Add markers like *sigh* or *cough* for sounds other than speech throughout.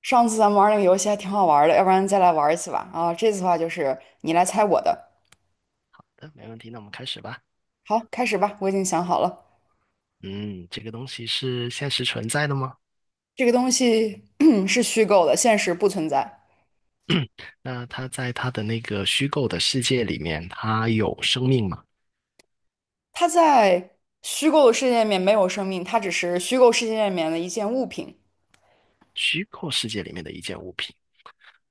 上次咱们玩那个游戏还挺好玩的，要不然再来玩一次吧。啊，这次的话就是你来猜我的。嗯，没问题，那我们开始吧。好，开始吧，我已经想好了，嗯，这个东西是现实存在的吗？这个东西 *clears throat* 是虚构的，现实不存在。那它在它的那个虚构的世界里面，它有生命吗？它在虚构的世界里面没有生命，它只是虚构世界里面的一件物品。虚构世界里面的一件物品。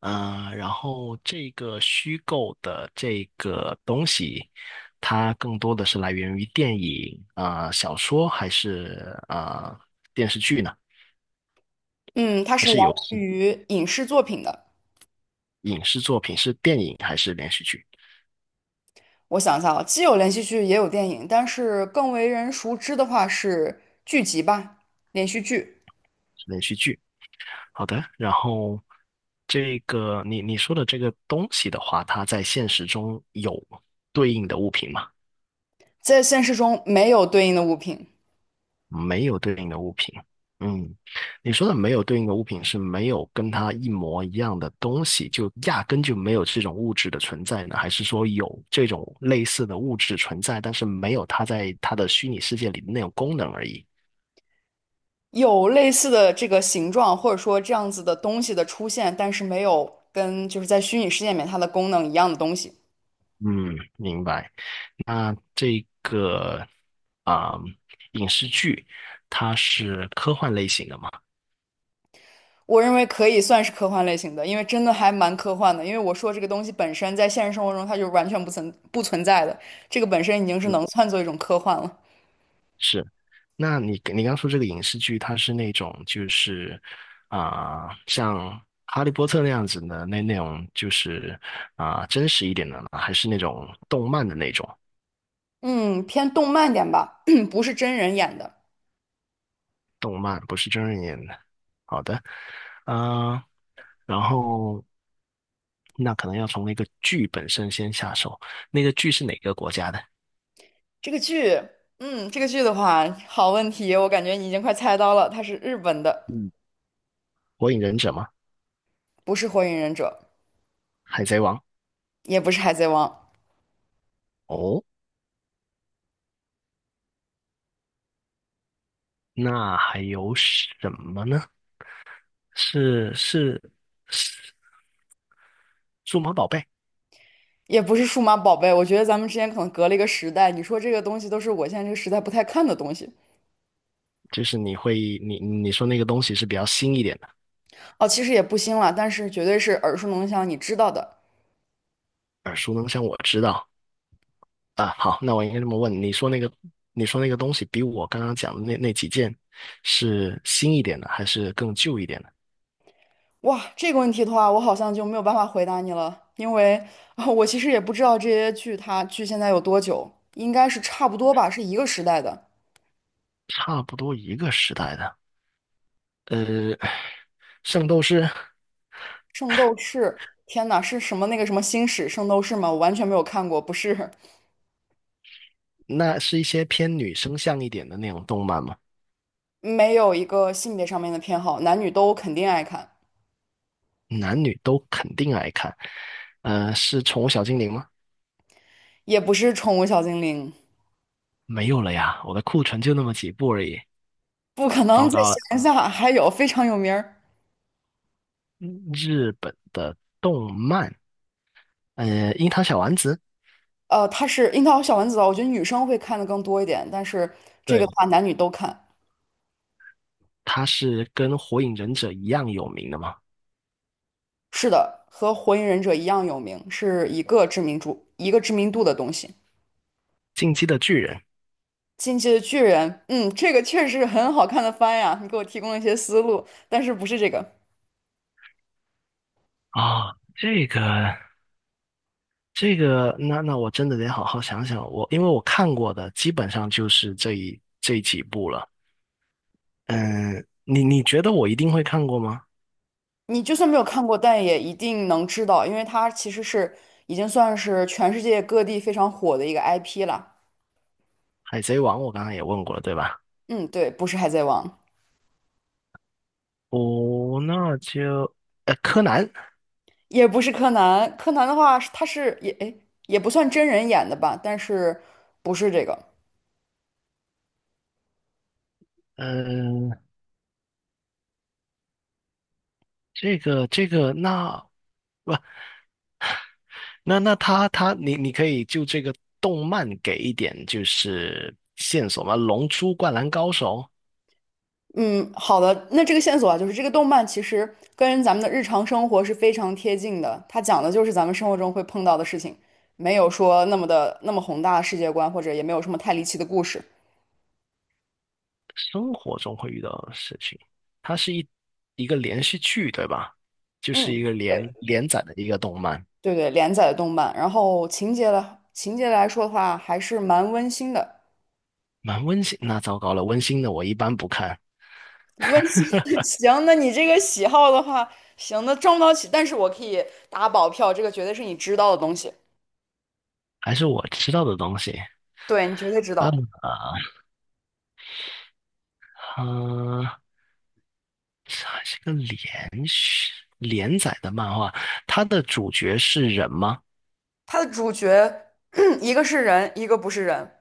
然后这个虚构的这个东西，它更多的是来源于电影、小说，还是电视剧呢？嗯，它还是来是游源戏、于影视作品的。影视作品？是电影还是连续剧？我想一下啊，既有连续剧，也有电影，但是更为人熟知的话是剧集吧，连续剧。是连续剧。好的，然后这个你说的这个东西的话，它在现实中有对应的物品吗？在现实中没有对应的物品。没有对应的物品。嗯，你说的没有对应的物品是没有跟它一模一样的东西，就压根就没有这种物质的存在呢？还是说有这种类似的物质存在，但是没有它在它的虚拟世界里的那种功能而已？有类似的这个形状，或者说这样子的东西的出现，但是没有跟就是在虚拟世界里面它的功能一样的东西，嗯，明白。那这个啊、影视剧，它是科幻类型的嘛？我认为可以算是科幻类型的。因为真的还蛮科幻的。因为我说这个东西本身在现实生活中它就完全不存在的，这个本身已经是嗯，能算作一种科幻了。是。那你刚说这个影视剧，它是那种就是像《哈利波特》那样子的那种，就是真实一点的呢，还是那种动漫的那种？嗯，偏动漫点吧，*clears throat* 不是真人演的。动漫不是真人演的。好的，嗯、然后那可能要从那个剧本身先下手。那个剧是哪个国家的？这个剧，嗯，这个剧的话，好问题，我感觉你已经快猜到了，它是日本的，嗯，《火影忍者》吗？不是《火影忍者》，海贼王。也不是《海贼王》。哦，那还有什么呢？是数码宝贝，也不是数码宝贝，我觉得咱们之间可能隔了一个时代。你说这个东西都是我现在这个时代不太看的东西，就是你会你说那个东西是比较新一点的，哦，其实也不新了，但是绝对是耳熟能详，你知道的。耳熟能详，我知道啊。好，那我应该这么问，你说那个东西比我刚刚讲的那几件是新一点的，还是更旧一点的？哇，这个问题的话，我好像就没有办法回答你了，因为啊，我其实也不知道这些剧它距现在有多久，应该是差不多吧，是一个时代的差不多一个时代的。呃，圣斗士《圣斗士》。天呐，是什么那个什么星矢圣斗士吗？我完全没有看过，不是，那是一些偏女生向一点的那种动漫吗？没有一个性别上面的偏好，男女都肯定爱看，男女都肯定爱看。呃，是宠物小精灵吗？也不是宠物小精灵。没有了呀，我的库存就那么几部而已。不可能糟在糕了，闲暇还有非常有名儿，日本的动漫，呃，樱桃小丸子，它是樱桃小丸子的，我觉得女生会看的更多一点，但是这个的对，话男女都看。它是跟火影忍者一样有名的吗？是的，和火影忍者一样有名，是一个知名度的东西。进击的巨人进击的巨人，嗯，这个确实是很好看的番呀，你给我提供了一些思路，但是不是这个，啊，这个，那我真的得好好想想。我因为我看过的基本上就是这几部了。嗯，你觉得我一定会看过吗？你就算没有看过，但也一定能知道，因为它其实是已经算是全世界各地非常火的一个 IP 了。海贼王我刚刚也问过了，对吧？嗯，对，不是海贼王。哦，那就呃，柯南，也不是柯南，柯南的话是，他是也诶也不算真人演的吧，但是不是这个。嗯。这个那不那那他他你可以就这个动漫给一点就是线索吗？《龙珠》《灌篮高手》嗯，好的，那这个线索啊，就是这个动漫其实跟咱们的日常生活是非常贴近的，它讲的就是咱们生活中会碰到的事情，没有说那么的那么宏大的世界观，或者也没有什么太离奇的故事。生活中会遇到的事情，它是一个连续剧对吧？就是一嗯，个对连载的一个动漫，对对，连载的动漫，然后情节来说的话还是蛮温馨的。蛮温馨。那糟糕了，温馨的我一般不看，温馨的 *laughs* 行，那你这个喜好的话，行，那挣不到起，但是我可以打保票，这个绝对是你知道的东西，还是我知道的东西。对，你绝对知嗯道。啊，呃，这还是个连载的漫画，它的主角是人吗？它的主角 *clears throat* 一个是人，一个不是人，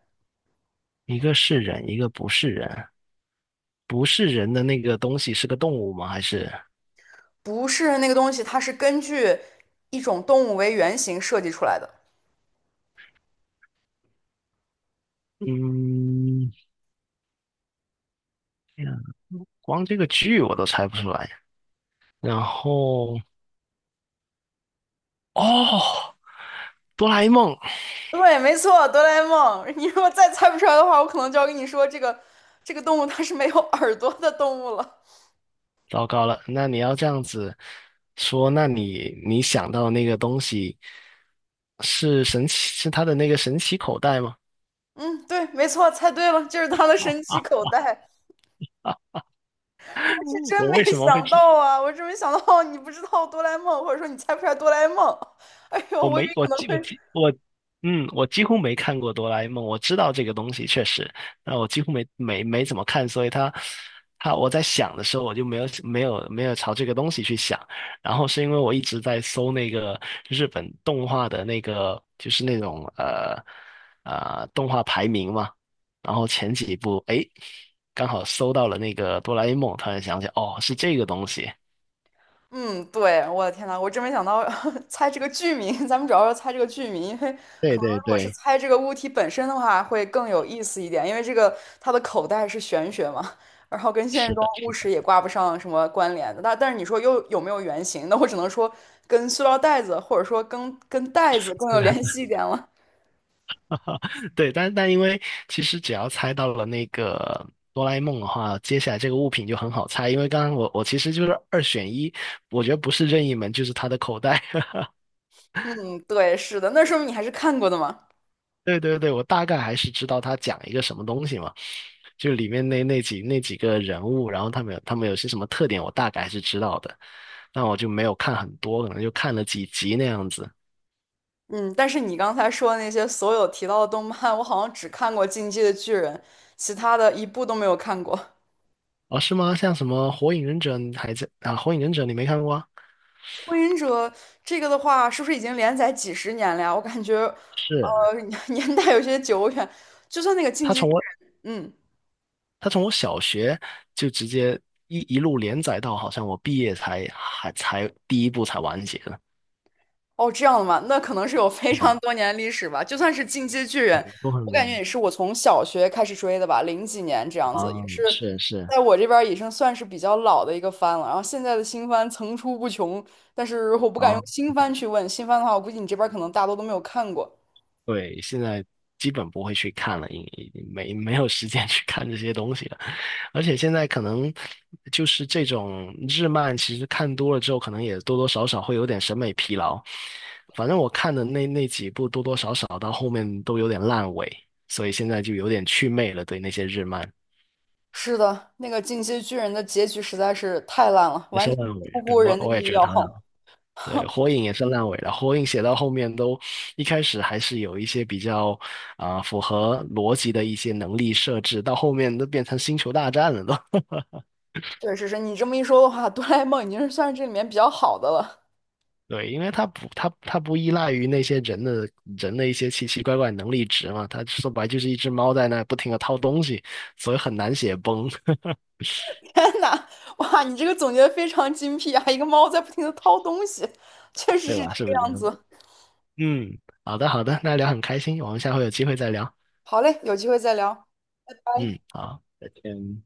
一个是人，一个不是人。不是人的那个东西是个动物吗？还是不是人那个东西，它是根据一种动物为原型设计出来的。嗯，光这个剧我都猜不出来。然后哦，哆啦 A 梦，对，没错，哆啦 A 梦。*laughs* 你如果再猜不出来的话，我可能就要跟你说，这个这个动物它是没有耳朵的动物了。糟糕了。那你要这样子说，那你想到那个东西是神奇，是它的那个神奇口袋吗？嗯，对，没错，猜对了，就是它的神奇口袋。我是真我没为什么会想知？到啊！我真没想到 *laughs* 你不知道哆啦 A 梦，或者说你猜不出来哆啦 A 梦。*laughs* 哎呦，我我以没，为可能会……我几乎没看过哆啦 A 梦。我知道这个东西确实，但我几乎没怎么看，所以它它我在想的时候，我就没有朝这个东西去想。然后是因为我一直在搜那个日本动画的那个，就是那种动画排名嘛。然后前几部，哎，刚好搜到了那个哆啦 A 梦，突然想起，哦，是这个东西。嗯，对，我的天呐，我真没想到 *laughs* 猜这个剧名。*laughs* 咱们主要是猜这个剧名，因为对可能对如果是对，猜这个物体本身的话，会更有意思一点。因为这个它的口袋是玄学嘛，然后跟现实是中的，物实也挂不上什么关联的。但是你说又有没有原型？*laughs* 那我只能说跟塑料袋子，或者说跟袋子更有联的系一点了。对，但但因为其实只要猜到了那个哆啦 A 梦的话，接下来这个物品就很好猜。因为刚刚我其实就是二选一，我觉得不是任意门就是他的口袋。*laughs* 嗯，对，是的，那说明你还是看过的嘛。对，我大概还是知道他讲一个什么东西嘛，就里面那几个人物，然后他们有他们有些什么特点，我大概还是知道的。但我就没有看很多，可能就看了几集那样子。嗯，但是你刚才说的那些所有提到的动漫，我好像只看过《进击的巨人》，其他的一部都没有看过。哦，是吗？像什么《火影忍者》，你还在啊？《火影忍者》你没看过啊？《火影者》这个的话，是不是已经连载几十年了呀？我感觉，是。*laughs* 年代有些久远。就算那个《进他击的从巨人》，嗯。它从我小学就直接一路连载到好像我毕业才还才第一部才完结的哦，这样的吗？那可能是有非常啊，多年历史吧。就算是《进击的巨人》，都很我感多觉也是我从小学开始追的吧，零几年这样子，也啊，是是在我这边儿已经算是比较老的一个番了。然后现在的新番层出不穷，但是我不敢用啊，新番去问，新番的话，我估计你这边儿可能大多都没有看过。对，现在基本不会去看了，因已经没有时间 *laughs* 去看这些东西了，而且现在可能就是这种日漫，其实看多了之后，可能也多多少少会有点审美疲劳。反正我看的那几部，多多少少到后面都有点烂尾，所以现在就有点祛魅了，对那些日漫。是的，那个《进击的巨人》的结局实在是太烂了，也完是全烂尾，出对，乎我人的我也意觉得料。他烂。*laughs* 对，火影也是烂尾了。火影写到后面都，一开始还是有一些比较符合逻辑的一些能力设置，到后面都变成星球大战了都。*laughs* 确实是你这么一说的话，哆啦 A 梦已经是算是这里面比较好的了。对，因为它不，它不依赖于那些人的一些奇奇怪怪能力值嘛，它说白就是一只猫在那不停的掏东西，所以很难写崩，天呐，哇，你这个总结的非常精辟啊！一个猫在不停的掏东西，确 *laughs* 实对是这吧？是个不是？样子。嗯，好的，那聊很开心，我们下回有机会再聊。好嘞，有机会再聊，拜嗯，拜。好，再见。